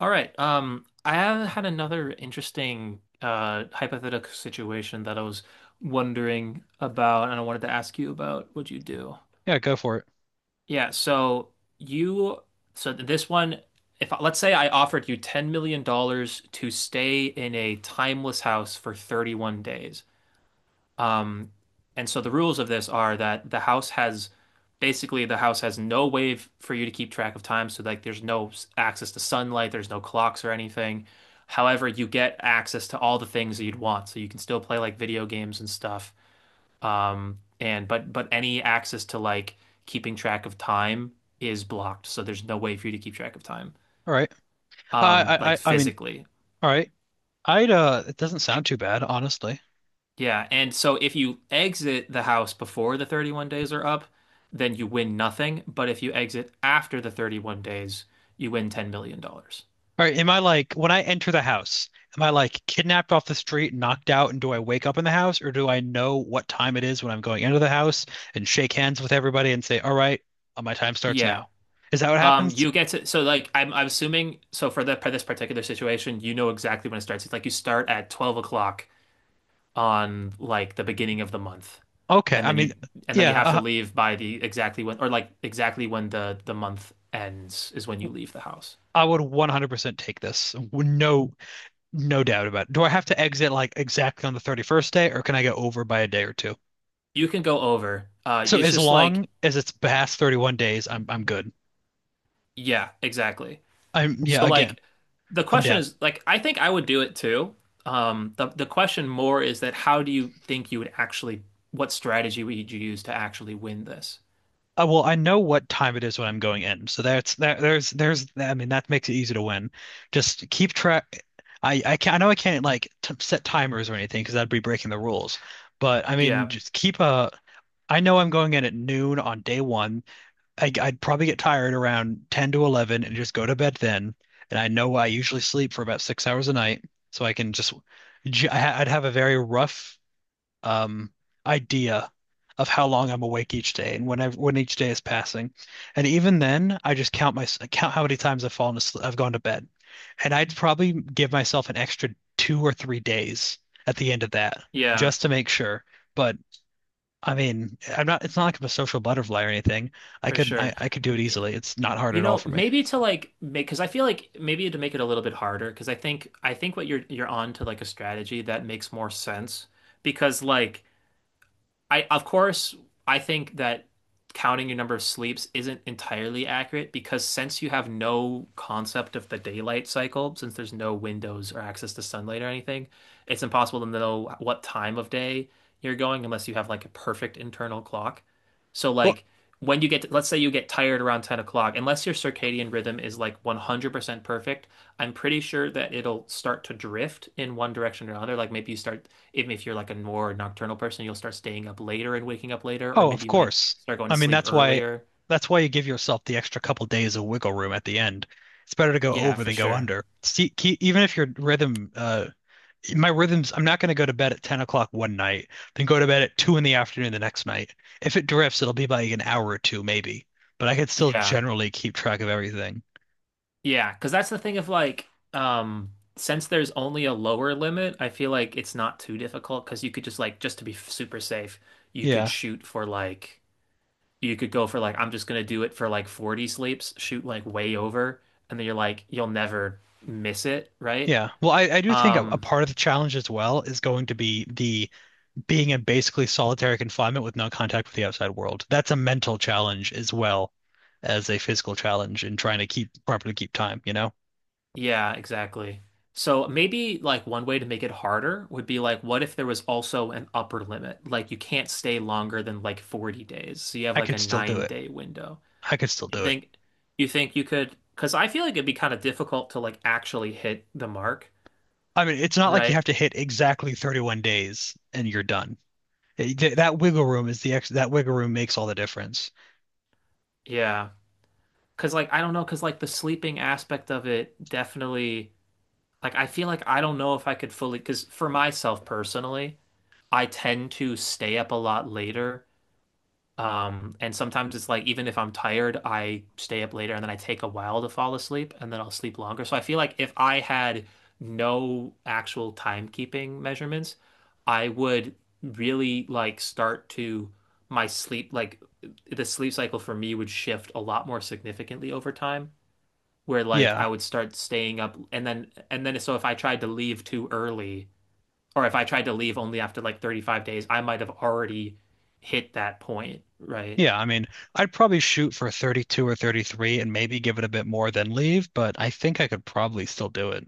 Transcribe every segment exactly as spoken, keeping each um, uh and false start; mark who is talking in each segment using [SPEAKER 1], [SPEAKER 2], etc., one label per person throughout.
[SPEAKER 1] All right. Um, I have had another interesting uh, hypothetical situation that I was wondering about, and I wanted to ask you about what you do.
[SPEAKER 2] Yeah, go for it.
[SPEAKER 1] Yeah. So you, so this one, if let's say I offered you $10 million dollars to stay in a timeless house for thirty-one days. Um, and so the rules of this are that the house has basically the house has no way f- for you to keep track of time. So like there's no s- access to sunlight, there's no clocks or anything. However, you get access to all the things that you'd want. So you can still play like video games and stuff. Um, and but but any access to like keeping track of time is blocked. So there's no way for you to keep track of time.
[SPEAKER 2] All right. Uh,
[SPEAKER 1] Um,
[SPEAKER 2] I,
[SPEAKER 1] like
[SPEAKER 2] I, I mean,
[SPEAKER 1] physically.
[SPEAKER 2] all right. I'd, uh, it doesn't sound too bad, honestly.
[SPEAKER 1] Yeah, and so if you exit the house before the thirty-one days are up, then you win nothing. But if you exit after the thirty-one days, you win ten million dollars dollars.
[SPEAKER 2] All right. Am I like, when I enter the house, am I like kidnapped off the street, knocked out, and do I wake up in the house, or do I know what time it is when I'm going into the house and shake hands with everybody and say, all right, uh, my time starts
[SPEAKER 1] Yeah.
[SPEAKER 2] now? Is that what
[SPEAKER 1] Um,
[SPEAKER 2] happens?
[SPEAKER 1] you get to, so like I'm I'm assuming so for the for this particular situation, you know exactly when it starts. It's like you start at twelve o'clock on like the beginning of the month.
[SPEAKER 2] Okay.
[SPEAKER 1] And
[SPEAKER 2] I
[SPEAKER 1] then
[SPEAKER 2] mean,
[SPEAKER 1] you and then you
[SPEAKER 2] yeah,
[SPEAKER 1] have to
[SPEAKER 2] uh,
[SPEAKER 1] leave by the exactly when or like exactly when the the month ends is when you leave the house.
[SPEAKER 2] I would one hundred percent take this. No, no doubt about it. Do I have to exit like exactly on the thirty-first day, or can I go over by a day or two?
[SPEAKER 1] You can go over. Uh,
[SPEAKER 2] So
[SPEAKER 1] it's
[SPEAKER 2] as
[SPEAKER 1] just like
[SPEAKER 2] long as it's past thirty-one days, I'm I'm good.
[SPEAKER 1] yeah, exactly.
[SPEAKER 2] I'm yeah,
[SPEAKER 1] So
[SPEAKER 2] again,
[SPEAKER 1] like the
[SPEAKER 2] I'm
[SPEAKER 1] question
[SPEAKER 2] down.
[SPEAKER 1] is like I think I would do it too. Um the the question more is that how do you think you would actually what strategy would you use to actually win this?
[SPEAKER 2] Uh, well, I know what time it is when I'm going in. So that's that there's there's I mean that makes it easy to win. Just keep track I I can I know I can't like t set timers or anything because that'd be breaking the rules. But I mean
[SPEAKER 1] Yeah.
[SPEAKER 2] just keep a I know I'm going in at noon on day one. I, I'd probably get tired around ten to eleven and just go to bed then. And I know I usually sleep for about six hours a night, so I can just j- I- I'd have a very rough um, idea of how long I'm awake each day and when I, when each day is passing. And even then, I just count my count how many times I've fallen asleep, I've gone to bed. And I'd probably give myself an extra two or three days at the end of that
[SPEAKER 1] Yeah,
[SPEAKER 2] just to make sure. But I mean, I'm not, it's not like I'm a social butterfly or anything. I
[SPEAKER 1] for
[SPEAKER 2] could,
[SPEAKER 1] sure.
[SPEAKER 2] I, I could do it
[SPEAKER 1] You know,
[SPEAKER 2] easily. It's not hard
[SPEAKER 1] you
[SPEAKER 2] at all
[SPEAKER 1] know,
[SPEAKER 2] for me.
[SPEAKER 1] maybe to like make because I feel like maybe to make it a little bit harder because I think I think what you're you're on to like a strategy that makes more sense because like I of course I think that counting your number of sleeps isn't entirely accurate because since you have no concept of the daylight cycle, since there's no windows or access to sunlight or anything, it's impossible to know what time of day you're going unless you have like a perfect internal clock. So
[SPEAKER 2] Well,
[SPEAKER 1] like when you get to, let's say you get tired around ten o'clock, unless your circadian rhythm is like one hundred percent perfect, I'm pretty sure that it'll start to drift in one direction or another. Like maybe you start, even if you're like a more nocturnal person, you'll start staying up later and waking up later, or
[SPEAKER 2] oh,
[SPEAKER 1] maybe
[SPEAKER 2] of
[SPEAKER 1] you might
[SPEAKER 2] course.
[SPEAKER 1] start going to
[SPEAKER 2] I mean,
[SPEAKER 1] sleep
[SPEAKER 2] that's why
[SPEAKER 1] earlier.
[SPEAKER 2] that's why you give yourself the extra couple days of wiggle room at the end. It's better to go
[SPEAKER 1] Yeah,
[SPEAKER 2] over
[SPEAKER 1] for
[SPEAKER 2] than go
[SPEAKER 1] sure.
[SPEAKER 2] under. See, ke even if your rhythm, uh, my rhythms, I'm not going to go to bed at ten o'clock one night, then go to bed at two in the afternoon the next night. If it drifts, it'll be like an hour or two maybe, but I could still
[SPEAKER 1] Yeah.
[SPEAKER 2] generally keep track of everything.
[SPEAKER 1] Yeah. Because that's the thing of like, um, since there's only a lower limit, I feel like it's not too difficult because you could just like, just to be super safe, you could
[SPEAKER 2] Yeah.
[SPEAKER 1] shoot for like, you could go for like, I'm just gonna do it for like forty sleeps, shoot like way over, and then you're like, you'll never miss it, right?
[SPEAKER 2] Yeah. Well, I, I do think a, a
[SPEAKER 1] Um,
[SPEAKER 2] part of the challenge as well is going to be the being in basically solitary confinement with no contact with the outside world. That's a mental challenge as well as a physical challenge in trying to keep properly keep time, you know?
[SPEAKER 1] yeah, exactly. So maybe like one way to make it harder would be like, what if there was also an upper limit? Like you can't stay longer than like forty days. So you have
[SPEAKER 2] I
[SPEAKER 1] like a
[SPEAKER 2] could still do
[SPEAKER 1] nine
[SPEAKER 2] it.
[SPEAKER 1] day window.
[SPEAKER 2] I could still
[SPEAKER 1] You
[SPEAKER 2] do it.
[SPEAKER 1] think you think you could, because I feel like it'd be kind of difficult to like actually hit the mark,
[SPEAKER 2] I mean, it's not like you
[SPEAKER 1] right?
[SPEAKER 2] have to hit exactly thirty-one days and you're done. It- that wiggle room is the ex that wiggle room makes all the difference.
[SPEAKER 1] Yeah. Because like I don't know, because like the sleeping aspect of it definitely like I feel like I don't know if I could fully, because for myself personally, I tend to stay up a lot later. Um, and sometimes it's like even if I'm tired, I stay up later and then I take a while to fall asleep and then I'll sleep longer. So I feel like if I had no actual timekeeping measurements, I would really like start to my sleep like the sleep cycle for me would shift a lot more significantly over time where like
[SPEAKER 2] Yeah.
[SPEAKER 1] I would start staying up and then and then so if I tried to leave too early or if I tried to leave only after like thirty-five days, I might have already hit that point, right?
[SPEAKER 2] Yeah, I mean, I'd probably shoot for thirty-two or thirty-three and maybe give it a bit more than leave, but I think I could probably still do it.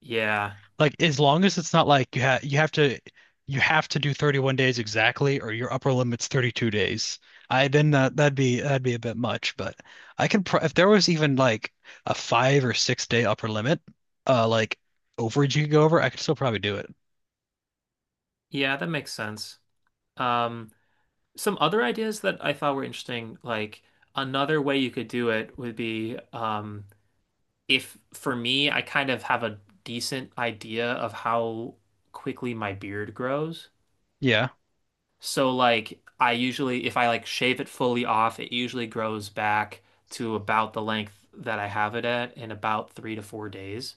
[SPEAKER 1] Yeah.
[SPEAKER 2] Like as long as it's not like you have you have to you have to do thirty-one days exactly or your upper limit's thirty-two days. I then that that'd be that'd be a bit much, but I can pro if there was even like a five or six day upper limit, uh like overage you could go over, I could still probably do it.
[SPEAKER 1] Yeah, that makes sense. Um, some other ideas that I thought were interesting, like another way you could do it would be um, if for me, I kind of have a decent idea of how quickly my beard grows.
[SPEAKER 2] Yeah.
[SPEAKER 1] So like I usually, if I like shave it fully off, it usually grows back to about the length that I have it at in about three to four days.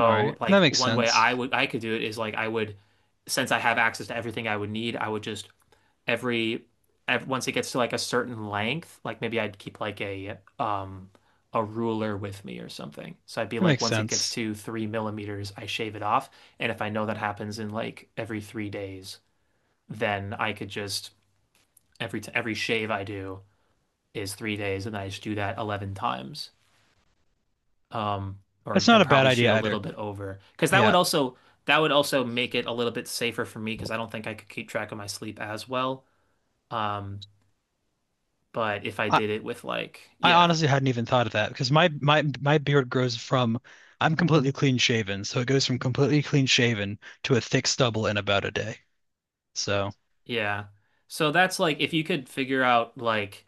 [SPEAKER 2] All right. That
[SPEAKER 1] like
[SPEAKER 2] makes
[SPEAKER 1] one way I
[SPEAKER 2] sense.
[SPEAKER 1] would I could do it is like I would since I have access to everything I would need, I would just every, ev once it gets to like a certain length, like maybe I'd keep like a um a ruler with me or something. So I'd be
[SPEAKER 2] That
[SPEAKER 1] like,
[SPEAKER 2] makes
[SPEAKER 1] once it gets
[SPEAKER 2] sense.
[SPEAKER 1] to three millimeters, I shave it off. And if I know that happens in like every three days, then I could just every t every shave I do is three days, and I just do that eleven times. Um,
[SPEAKER 2] That's
[SPEAKER 1] or
[SPEAKER 2] not
[SPEAKER 1] and
[SPEAKER 2] a bad
[SPEAKER 1] probably shoot
[SPEAKER 2] idea
[SPEAKER 1] a
[SPEAKER 2] either.
[SPEAKER 1] little bit over because that would
[SPEAKER 2] Yeah.
[SPEAKER 1] also that would also make it a little bit safer for me because I don't think I could keep track of my sleep as well. Um, But if I did it with like,
[SPEAKER 2] I
[SPEAKER 1] yeah,
[SPEAKER 2] honestly hadn't even thought of that because my my my beard grows from I'm completely clean shaven, so it goes from completely clean shaven to a thick stubble in about a day. So
[SPEAKER 1] yeah. So that's like if you could figure out like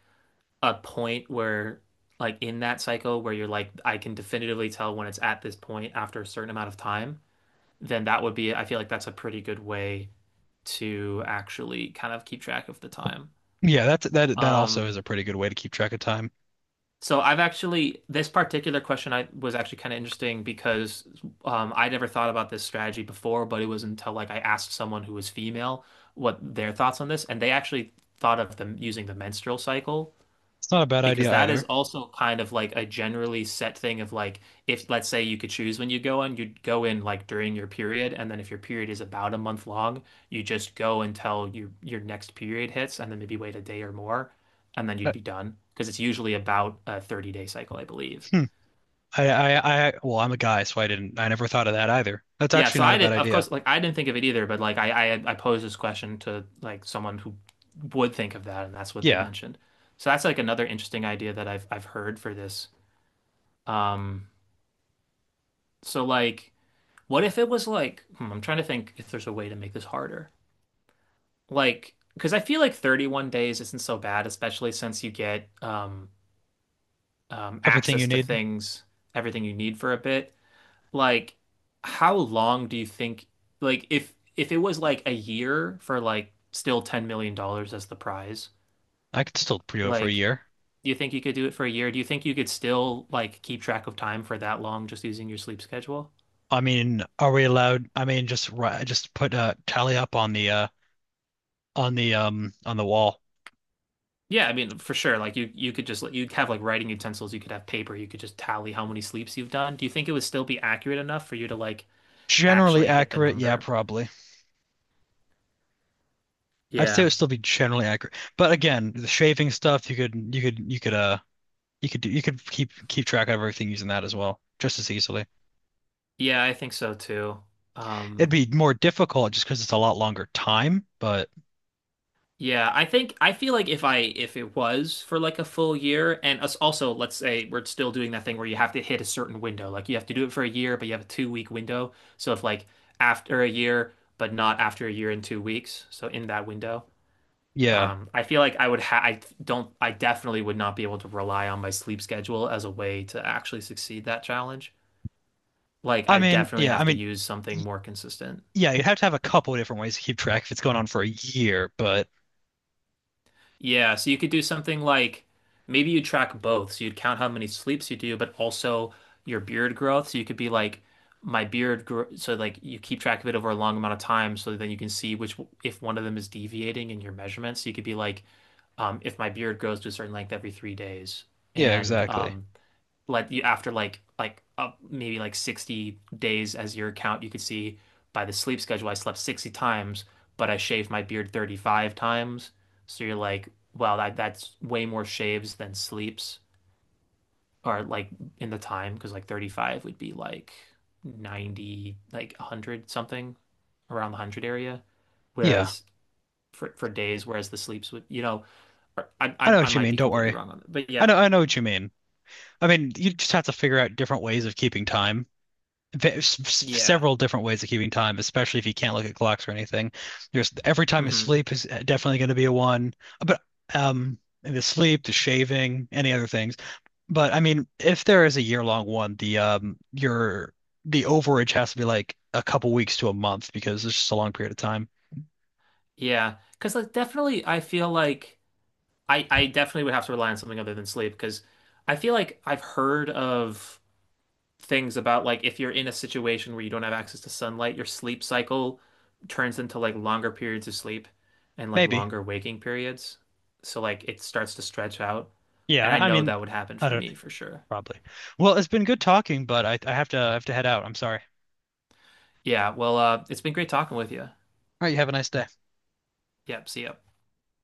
[SPEAKER 1] a point where like in that cycle where you're like, I can definitively tell when it's at this point after a certain amount of time, then that would be, I feel like that's a pretty good way to actually kind of keep track of the time.
[SPEAKER 2] yeah, that's that that also is
[SPEAKER 1] Um,
[SPEAKER 2] a pretty good way to keep track of time.
[SPEAKER 1] So I've actually this particular question I was actually kind of interesting because um, I never thought about this strategy before, but it was until like I asked someone who was female what their thoughts on this, and they actually thought of them using the menstrual cycle
[SPEAKER 2] It's not a bad
[SPEAKER 1] because
[SPEAKER 2] idea
[SPEAKER 1] that is
[SPEAKER 2] either.
[SPEAKER 1] also kind of like a generally set thing of like if let's say you could choose when you go in, you'd go in like during your period, and then if your period is about a month long, you just go until your your next period hits, and then maybe wait a day or more, and then you'd
[SPEAKER 2] But
[SPEAKER 1] be done. Because it's usually about a thirty day cycle, I believe.
[SPEAKER 2] hmm, I, I I well, I'm a guy, so I didn't I never thought of that either. That's
[SPEAKER 1] Yeah,
[SPEAKER 2] actually
[SPEAKER 1] so
[SPEAKER 2] not a
[SPEAKER 1] I
[SPEAKER 2] bad
[SPEAKER 1] did, of
[SPEAKER 2] idea.
[SPEAKER 1] course, like I didn't think of it either, but like I I, I posed this question to like someone who would think of that, and that's what they
[SPEAKER 2] Yeah,
[SPEAKER 1] mentioned. So that's like another interesting idea that I've I've heard for this. Um, so like. What if it was like, hmm, I'm trying to think if there's a way to make this harder. Like, because I feel like thirty-one days isn't so bad, especially since you get um, um,
[SPEAKER 2] everything you
[SPEAKER 1] access to
[SPEAKER 2] need,
[SPEAKER 1] things, everything you need for a bit. Like, how long do you think, like, if if it was like a year for like still ten million dollars as the prize,
[SPEAKER 2] I could still do it for a
[SPEAKER 1] like,
[SPEAKER 2] year.
[SPEAKER 1] do you think you could do it for a year? Do you think you could still like keep track of time for that long just using your sleep schedule?
[SPEAKER 2] I mean, are we allowed? I mean, just ri- just put a tally up on the uh on the um on the wall.
[SPEAKER 1] Yeah, I mean, for sure. Like you, you could just like, you'd have like writing utensils. You could have paper. You could just tally how many sleeps you've done. Do you think it would still be accurate enough for you to like
[SPEAKER 2] Generally
[SPEAKER 1] actually hit the
[SPEAKER 2] accurate, yeah,
[SPEAKER 1] number?
[SPEAKER 2] probably. I'd say it
[SPEAKER 1] Yeah,
[SPEAKER 2] would still be generally accurate. But again, the shaving stuff, you could you could you could uh you could do you could keep keep track of everything using that as well, just as easily.
[SPEAKER 1] yeah, I think so too.
[SPEAKER 2] It'd
[SPEAKER 1] Um,
[SPEAKER 2] be more difficult just because it's a lot longer time, but
[SPEAKER 1] yeah, I think I feel like if I if it was for like a full year, and us also let's say we're still doing that thing where you have to hit a certain window. Like you have to do it for a year, but you have a two week window. So if like after a year, but not after a year and two weeks, so in that window.
[SPEAKER 2] yeah.
[SPEAKER 1] Um, I feel like I would ha I don't I definitely would not be able to rely on my sleep schedule as a way to actually succeed that challenge. Like
[SPEAKER 2] I
[SPEAKER 1] I
[SPEAKER 2] mean,
[SPEAKER 1] definitely
[SPEAKER 2] yeah, I
[SPEAKER 1] have to
[SPEAKER 2] mean
[SPEAKER 1] use something
[SPEAKER 2] y-
[SPEAKER 1] more consistent.
[SPEAKER 2] yeah, you'd have to have a couple of different ways to keep track if it's going on for a year, but
[SPEAKER 1] Yeah, so you could do something like maybe you track both. So you'd count how many sleeps you do, but also your beard growth. So you could be like my beard grow so like you keep track of it over a long amount of time so then you can see which if one of them is deviating in your measurements. So you could be like um, if my beard grows to a certain length every three days
[SPEAKER 2] yeah,
[SPEAKER 1] and
[SPEAKER 2] exactly.
[SPEAKER 1] um, like you after like like uh, maybe like sixty days as your count you could see by the sleep schedule I slept sixty times but I shaved my beard thirty-five times so you're like well, that that's way more shaves than sleeps or like in the time because like thirty-five would be like ninety like one hundred something around the one hundred area
[SPEAKER 2] Yeah.
[SPEAKER 1] whereas for for days whereas the sleeps would you know I
[SPEAKER 2] I know
[SPEAKER 1] I, I
[SPEAKER 2] what you
[SPEAKER 1] might
[SPEAKER 2] mean,
[SPEAKER 1] be
[SPEAKER 2] don't
[SPEAKER 1] completely
[SPEAKER 2] worry.
[SPEAKER 1] wrong on that but
[SPEAKER 2] I
[SPEAKER 1] yeah,
[SPEAKER 2] know I know what you mean. I mean, you just have to figure out different ways of keeping time. There's
[SPEAKER 1] yeah.
[SPEAKER 2] several different ways of keeping time, especially if you can't look at clocks or anything. There's every time you
[SPEAKER 1] Hmm.
[SPEAKER 2] sleep is uh, definitely going to be a one, but um, and the sleep, the shaving, any other things. But I mean, if there is a year-long one, the um, your the overage has to be like a couple weeks to a month because it's just a long period of time.
[SPEAKER 1] Yeah, because like definitely, I feel like I I definitely would have to rely on something other than sleep because I feel like I've heard of things about like if you're in a situation where you don't have access to sunlight, your sleep cycle turns into like longer periods of sleep and like
[SPEAKER 2] Maybe.
[SPEAKER 1] longer waking periods. So like it starts to stretch out,
[SPEAKER 2] Yeah.
[SPEAKER 1] and I
[SPEAKER 2] I
[SPEAKER 1] know
[SPEAKER 2] mean,
[SPEAKER 1] that would happen
[SPEAKER 2] I
[SPEAKER 1] for
[SPEAKER 2] don't
[SPEAKER 1] me for sure.
[SPEAKER 2] probably. Well, it's been good talking, but I I have to I have to head out. I'm sorry.
[SPEAKER 1] Yeah, well, uh, it's been great talking with you.
[SPEAKER 2] All right. You have a nice day.
[SPEAKER 1] Yep, see ya.